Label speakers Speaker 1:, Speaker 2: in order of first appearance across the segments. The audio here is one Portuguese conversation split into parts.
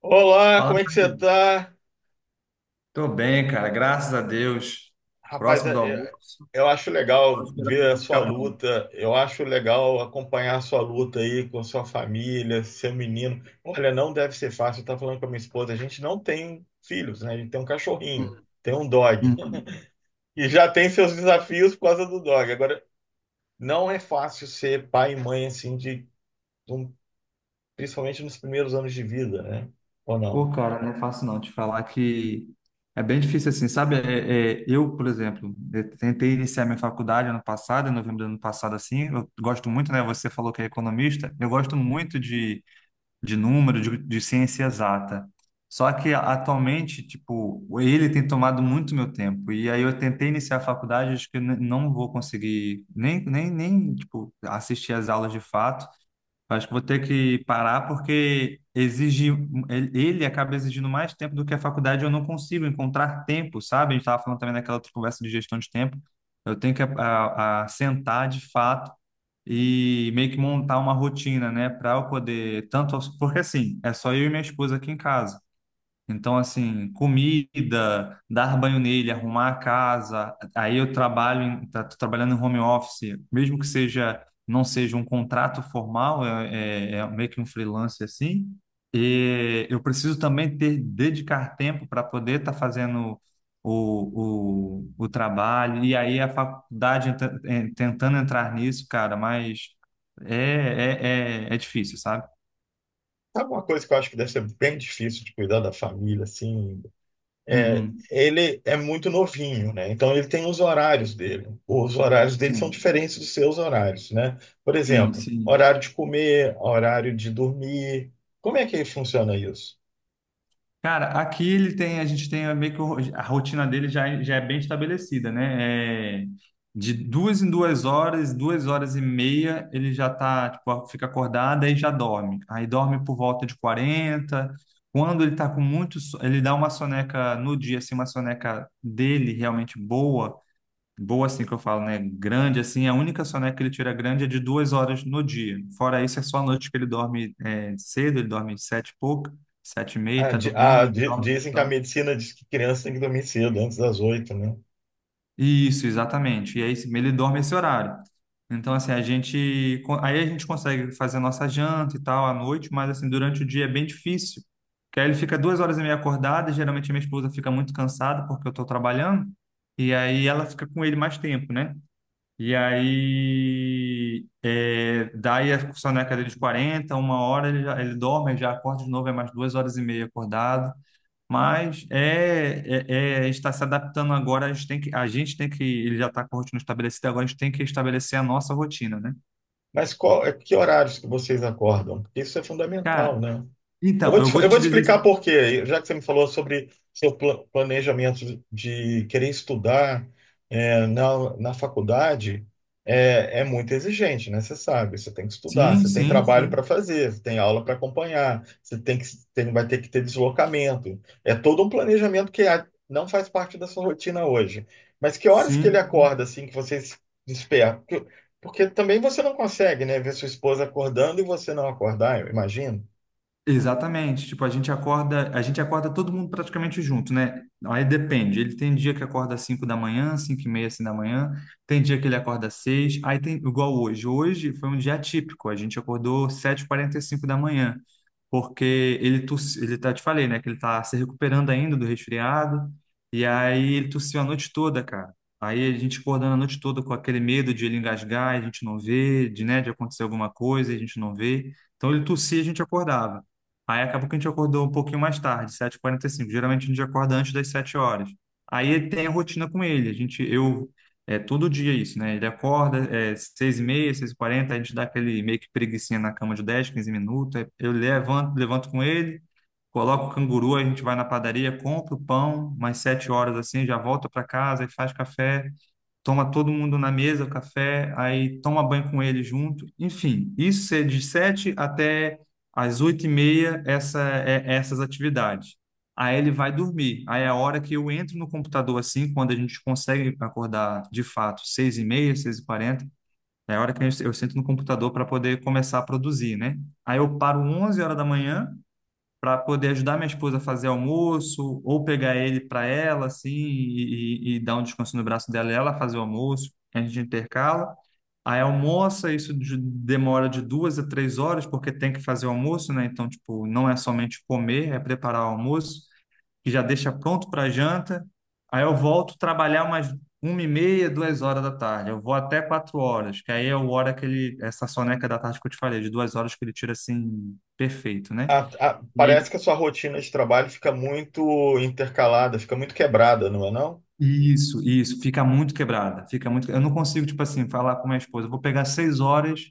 Speaker 1: Olá,
Speaker 2: Fala,
Speaker 1: como é que
Speaker 2: meu
Speaker 1: você
Speaker 2: amigo.
Speaker 1: tá?
Speaker 2: Tô bem, cara, graças a Deus.
Speaker 1: Rapaz,
Speaker 2: Próximo do almoço,
Speaker 1: eu acho
Speaker 2: só
Speaker 1: legal
Speaker 2: esperando o
Speaker 1: ver a
Speaker 2: almoço
Speaker 1: sua
Speaker 2: ficar pronto.
Speaker 1: luta, eu acho legal acompanhar a sua luta aí com a sua família, seu menino. Olha, não deve ser fácil, eu tava falando com a minha esposa, a gente não tem filhos, né? A gente tem um cachorrinho, tem um dog.
Speaker 2: Uhum.
Speaker 1: E já tem seus desafios por causa do dog. Agora, não é fácil ser pai e mãe assim, de, um- principalmente nos primeiros anos de vida, né? Ou
Speaker 2: Ô,
Speaker 1: não?
Speaker 2: cara, não é fácil não te falar que é bem difícil assim, sabe? Eu, por exemplo, eu tentei iniciar minha faculdade ano passado, em novembro do ano passado, assim. Eu gosto muito, né? Você falou que é economista. Eu gosto muito de número, de ciência exata. Só que atualmente, tipo, ele tem tomado muito meu tempo. E aí eu tentei iniciar a faculdade, acho que não vou conseguir nem, tipo, assistir às aulas de fato. Acho que vou ter que parar porque exige, ele acaba exigindo mais tempo do que a faculdade. Eu não consigo encontrar tempo, sabe? A gente estava falando também naquela outra conversa de gestão de tempo. Eu tenho que a sentar de fato e meio que montar uma rotina, né, para eu poder tanto porque assim, é só eu e minha esposa aqui em casa. Então, assim, comida, dar banho nele, arrumar a casa. Aí eu trabalho, tô trabalhando em home office, mesmo que seja, não seja um contrato formal, é meio que um freelance assim. E eu preciso também ter, dedicar tempo para poder estar fazendo o trabalho. E aí a faculdade tentando entrar nisso, cara, mas é, é difícil, sabe?
Speaker 1: Sabe uma coisa que eu acho que deve ser bem difícil de cuidar da família, assim? É,
Speaker 2: Uhum.
Speaker 1: ele é muito novinho, né? Então ele tem os horários dele. Os horários dele são
Speaker 2: Sim,
Speaker 1: diferentes dos seus horários, né? Por
Speaker 2: sim,
Speaker 1: exemplo,
Speaker 2: sim.
Speaker 1: horário de comer, horário de dormir. Como é que funciona isso?
Speaker 2: Cara, aqui ele tem, a gente tem meio que a rotina dele já, já é bem estabelecida, né? É, de duas em duas horas e meia, ele já tá, tipo, fica acordado aí já dorme. Aí dorme por volta de 40. Quando ele tá com muito, ele dá uma soneca no dia, assim, uma soneca dele realmente boa, boa assim que eu falo, né? Grande assim, a única soneca que ele tira grande é de duas horas no dia. Fora isso, é só a noite que ele dorme é, cedo, ele dorme sete e pouco, sete e meia, tá dormindo, ele dorme,
Speaker 1: Dizem que a
Speaker 2: dorme-
Speaker 1: medicina diz que criança tem que dormir cedo, antes das oito, né?
Speaker 2: Isso, exatamente. E aí ele dorme esse horário. Então, assim, a gente. Aí a gente consegue fazer a nossa janta e tal à noite, mas assim, durante o dia é bem difícil. Porque aí ele fica duas horas e meia acordado, e geralmente a minha esposa fica muito cansada porque eu estou trabalhando, e aí ela fica com ele mais tempo, né? E aí, é, daí a discussão na cadeira de 40 uma hora ele, já, ele dorme, ele já acorda de novo, é mais duas horas e meia acordado. Mas está se adaptando agora, a gente tem que, a gente tem que, ele já está com a rotina estabelecida, agora a gente tem que estabelecer a nossa rotina, né?
Speaker 1: Mas qual, é, que horários que vocês acordam? Porque isso é fundamental,
Speaker 2: Cara,
Speaker 1: né?
Speaker 2: então, eu vou
Speaker 1: Eu vou
Speaker 2: te
Speaker 1: te
Speaker 2: dizer,
Speaker 1: explicar por quê, já que você me falou sobre seu planejamento de querer estudar, é, na, na faculdade, é, é muito exigente, né? Você sabe, você tem que estudar,
Speaker 2: sim,
Speaker 1: você tem
Speaker 2: sim,
Speaker 1: trabalho para
Speaker 2: sim,
Speaker 1: fazer, você tem aula para acompanhar, você tem que, tem, vai ter que ter deslocamento. É todo um planejamento que a- não faz parte da sua rotina hoje. Mas que horas que ele
Speaker 2: sim.
Speaker 1: acorda, assim, que você se desperta? Porque, porque também você não consegue, né, ver sua esposa acordando e você não acordar, eu imagino.
Speaker 2: Exatamente. Tipo, a gente acorda todo mundo praticamente junto, né? Aí depende. Ele tem dia que acorda às 5 da manhã, 5 e meia, assim da manhã. Tem dia que ele acorda às 6. Aí tem, igual hoje. Hoje foi um dia atípico. A gente acordou sete e quarenta e cinco da manhã. Porque ele tossiu, ele tá, te falei, né? Que ele tá se recuperando ainda do resfriado. E aí ele tossiu a noite toda, cara. Aí a gente acordando a noite toda com aquele medo de ele engasgar, e a gente não vê, de, né, de acontecer alguma coisa, e a gente não vê. Então ele tossia e a gente acordava. Aí acabou que a gente acordou um pouquinho mais tarde, sete e quarenta e cinco. Geralmente a gente acorda antes das 7 horas. Aí tem a rotina com ele. A gente, eu, é todo dia isso, né? Ele acorda, é 6h30, 6h40, a gente dá aquele meio que preguicinha na cama de 10, 15 minutos. Aí eu levanto, com ele, coloco o canguru, a gente vai na padaria, compra o pão, mais 7 horas assim, já volta para casa e faz café, toma todo mundo na mesa, o café, aí toma banho com ele junto. Enfim, isso é de sete até às oito e meia, é essas atividades. Aí ele vai dormir. Aí é a hora que eu entro no computador assim, quando a gente consegue acordar de fato, seis e meia, seis e quarenta, é a hora que eu sento no computador para poder começar a produzir, né? Aí eu paro 11 horas da manhã para poder ajudar minha esposa a fazer almoço, ou pegar ele para ela, assim, e dar um descanso no braço dela e ela fazer o almoço, a gente intercala. Aí almoça, isso demora de duas a três horas, porque tem que fazer o almoço, né? Então, tipo, não é somente comer, é preparar o almoço, que já deixa pronto para janta. Aí eu volto trabalhar umas uma e meia, duas horas da tarde. Eu vou até quatro horas, que aí é o hora que ele, essa soneca da tarde que eu te falei, de duas horas que ele tira assim, perfeito, né?
Speaker 1: Parece que a sua rotina de trabalho fica muito intercalada, fica muito quebrada, não é não?
Speaker 2: Isso, fica muito quebrada, fica muito. Eu não consigo, tipo assim, falar com minha esposa, eu vou pegar seis horas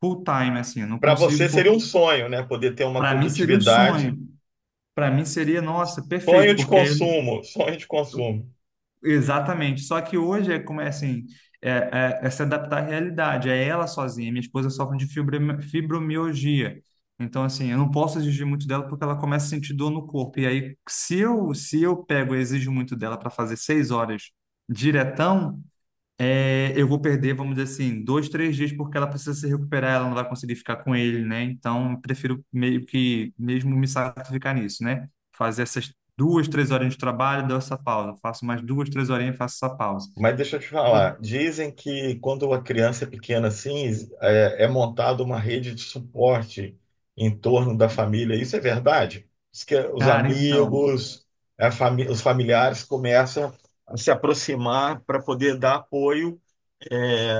Speaker 2: full time, assim, eu não
Speaker 1: Para você
Speaker 2: consigo,
Speaker 1: seria um
Speaker 2: porque
Speaker 1: sonho, né? Poder ter uma
Speaker 2: para mim seria um
Speaker 1: produtividade,
Speaker 2: sonho, para mim seria, nossa,
Speaker 1: sonho
Speaker 2: perfeito,
Speaker 1: de
Speaker 2: porque aí.
Speaker 1: consumo, sonho de consumo.
Speaker 2: Exatamente. Só que hoje é como é assim, é, é se adaptar à realidade, é ela sozinha. Minha esposa sofre de fibromialgia, então assim, eu não posso exigir muito dela porque ela começa a sentir dor no corpo. E aí, se eu pego e exijo muito dela para fazer seis horas diretão, eu vou perder, vamos dizer assim, dois, três dias porque ela precisa se recuperar, ela não vai conseguir ficar com ele, né? Então, eu prefiro meio que mesmo me sacrificar nisso, né? Fazer essas duas, três horinhas de trabalho, dou essa pausa. Faço mais duas, três horinhas e faço essa pausa.
Speaker 1: Mas deixa eu te
Speaker 2: E,
Speaker 1: falar, dizem que quando a criança é pequena assim, é, é montada uma rede de suporte em torno da família. Isso é verdade? Diz que os
Speaker 2: cara, então.
Speaker 1: amigos, os familiares começam a se aproximar para poder dar apoio é,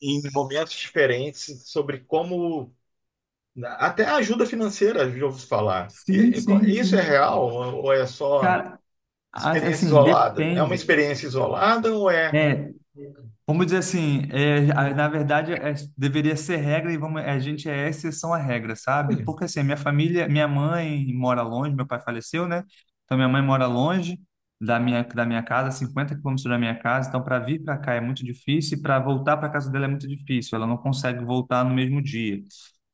Speaker 1: em momentos diferentes sobre como, né, até a ajuda financeira, já ouvi falar.
Speaker 2: Sim, sim,
Speaker 1: Isso é
Speaker 2: sim.
Speaker 1: real ou é só
Speaker 2: Cara,
Speaker 1: experiência
Speaker 2: assim,
Speaker 1: isolada? É uma
Speaker 2: depende,
Speaker 1: experiência isolada ou é?
Speaker 2: né? Vamos dizer assim, na verdade deveria ser regra e vamos, a gente é exceção à regra, sabe?
Speaker 1: Hum.
Speaker 2: Porque assim, minha família, minha mãe mora longe, meu pai faleceu, né? Então minha mãe mora longe da minha casa, 50 quilômetros da minha casa, então para vir para cá é muito difícil e para voltar para casa dela é muito difícil, ela não consegue voltar no mesmo dia.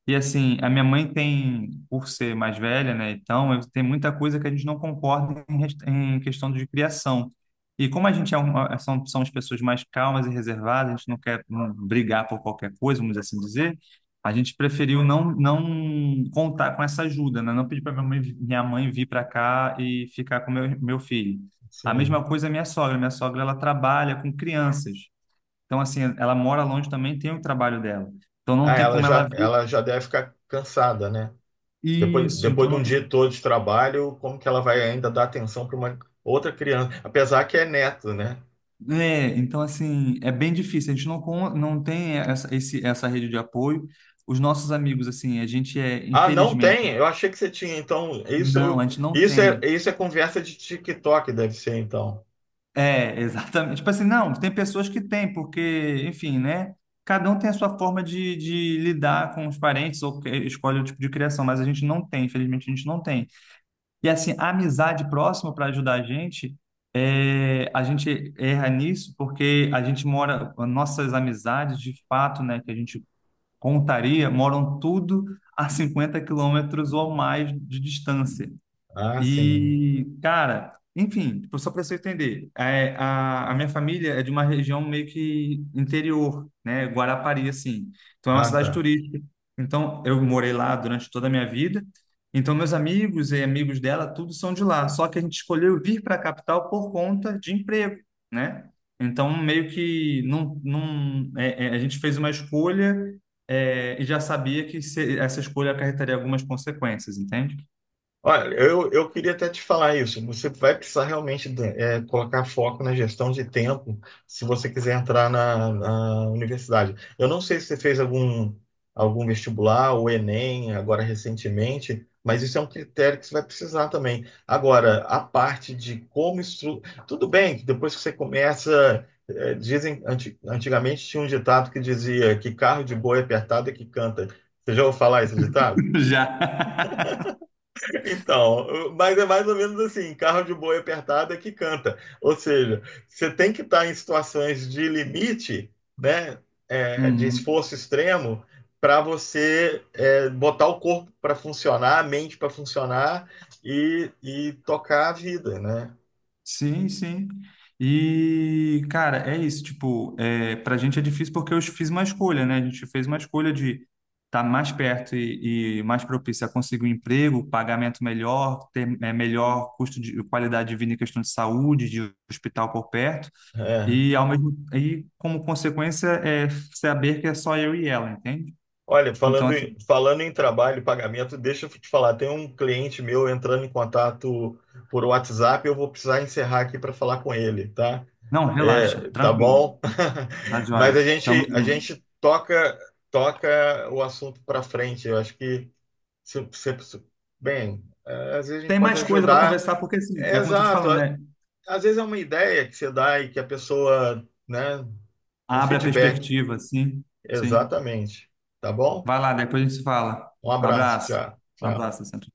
Speaker 2: E assim, a minha mãe tem, por ser mais velha, né? Então, tem muita coisa que a gente não concorda em, em questão de criação. E como a gente é são as pessoas mais calmas e reservadas, a gente não quer brigar por qualquer coisa, vamos assim dizer, a gente preferiu não, não contar com essa ajuda, né? Não pedir para minha mãe, vir para cá e ficar com meu filho. A
Speaker 1: Sim.
Speaker 2: mesma coisa a minha sogra. Minha sogra, ela trabalha com crianças. Então, assim, ela mora longe também, tem o trabalho dela. Então não
Speaker 1: Ah,
Speaker 2: tem como ela vir,
Speaker 1: ela já deve ficar cansada, né? Depois,
Speaker 2: isso,
Speaker 1: depois
Speaker 2: então
Speaker 1: de
Speaker 2: não
Speaker 1: um
Speaker 2: tem.
Speaker 1: dia todo de trabalho, como que ela vai ainda dar atenção para uma outra criança? Apesar que é neto, né?
Speaker 2: É, então assim, é bem difícil. A gente não, não tem essa rede de apoio. Os nossos amigos, assim, a gente é,
Speaker 1: Ah, não
Speaker 2: infelizmente,
Speaker 1: tem? Eu achei que você tinha. Então,
Speaker 2: não, a
Speaker 1: isso,
Speaker 2: gente não tem.
Speaker 1: isso é conversa de TikTok, deve ser, então.
Speaker 2: É, exatamente. Tipo assim, não, tem pessoas que têm, porque, enfim, né? Cada um tem a sua forma de lidar com os parentes escolhe o tipo de criação, mas a gente não tem, infelizmente, a gente não tem. E assim, a amizade próxima para ajudar a gente, é, a gente erra nisso porque a gente mora, nossas amizades de fato, né, que a gente contaria, moram tudo a 50 quilômetros ou mais de distância.
Speaker 1: Ah, sim.
Speaker 2: E, cara, enfim, tipo, só para você entender, é, a minha família é de uma região meio que interior, né? Guarapari, assim. Então é uma
Speaker 1: Ah,
Speaker 2: cidade
Speaker 1: tá.
Speaker 2: turística. Então eu morei lá durante toda a minha vida. Então meus amigos e amigos dela, tudo são de lá. Só que a gente escolheu vir para a capital por conta de emprego, né? Então meio que não, não, a gente fez uma escolha, e já sabia que essa escolha acarretaria algumas consequências, entende?
Speaker 1: Olha, eu queria até te falar isso. Você vai precisar realmente de- é, colocar foco na gestão de tempo se você quiser entrar na, na universidade. Eu não sei se você fez algum, algum vestibular ou Enem agora recentemente, mas isso é um critério que você vai precisar também. Agora, a parte de como estru... Tudo bem que depois que você começa, é, dizem, antigamente tinha um ditado que dizia que carro de boi é apertado é que canta. Você já ouviu falar esse ditado?
Speaker 2: Já.
Speaker 1: Então, mas é mais ou menos assim, carro de boi apertado é que canta. Ou seja, você tem que estar em situações de limite, né, é, de
Speaker 2: Uhum.
Speaker 1: esforço extremo, para você é, botar o corpo para funcionar, a mente para funcionar e tocar a vida, né?
Speaker 2: Sim, sim. E, cara, é isso. Tipo, pra gente é difícil porque eu fiz uma escolha, né? A gente fez uma escolha de estar mais perto e mais propício a conseguir um emprego, pagamento melhor, ter melhor custo de qualidade de vida em questão de saúde, de hospital por perto.
Speaker 1: É.
Speaker 2: E, ao mesmo, e como consequência, é saber que é só eu e ela, entende?
Speaker 1: Olha,
Speaker 2: Então,
Speaker 1: falando,
Speaker 2: assim,
Speaker 1: falando em trabalho e pagamento, deixa eu te falar, tem um cliente meu entrando em contato por WhatsApp, eu vou precisar encerrar aqui para falar com ele, tá?
Speaker 2: não, relaxa,
Speaker 1: É, tá
Speaker 2: tranquilo,
Speaker 1: bom.
Speaker 2: tá
Speaker 1: Mas
Speaker 2: joia. Tamo
Speaker 1: a
Speaker 2: junto.
Speaker 1: gente toca, toca o assunto para frente. Eu acho que se, se, se- bem, é, às vezes a gente
Speaker 2: Tem
Speaker 1: pode
Speaker 2: mais coisa para
Speaker 1: ajudar.
Speaker 2: conversar, porque assim,
Speaker 1: É,
Speaker 2: é como eu tô te
Speaker 1: exato.
Speaker 2: falando,
Speaker 1: A-
Speaker 2: né?
Speaker 1: Às vezes é uma ideia que você dá e que a pessoa, né, um
Speaker 2: Abre a
Speaker 1: feedback.
Speaker 2: perspectiva, sim, sim.
Speaker 1: Exatamente. Tá bom?
Speaker 2: Vai lá, depois a gente se fala.
Speaker 1: Um
Speaker 2: Um
Speaker 1: abraço,
Speaker 2: abraço.
Speaker 1: tchau.
Speaker 2: Um
Speaker 1: Tchau.
Speaker 2: abraço, sempre.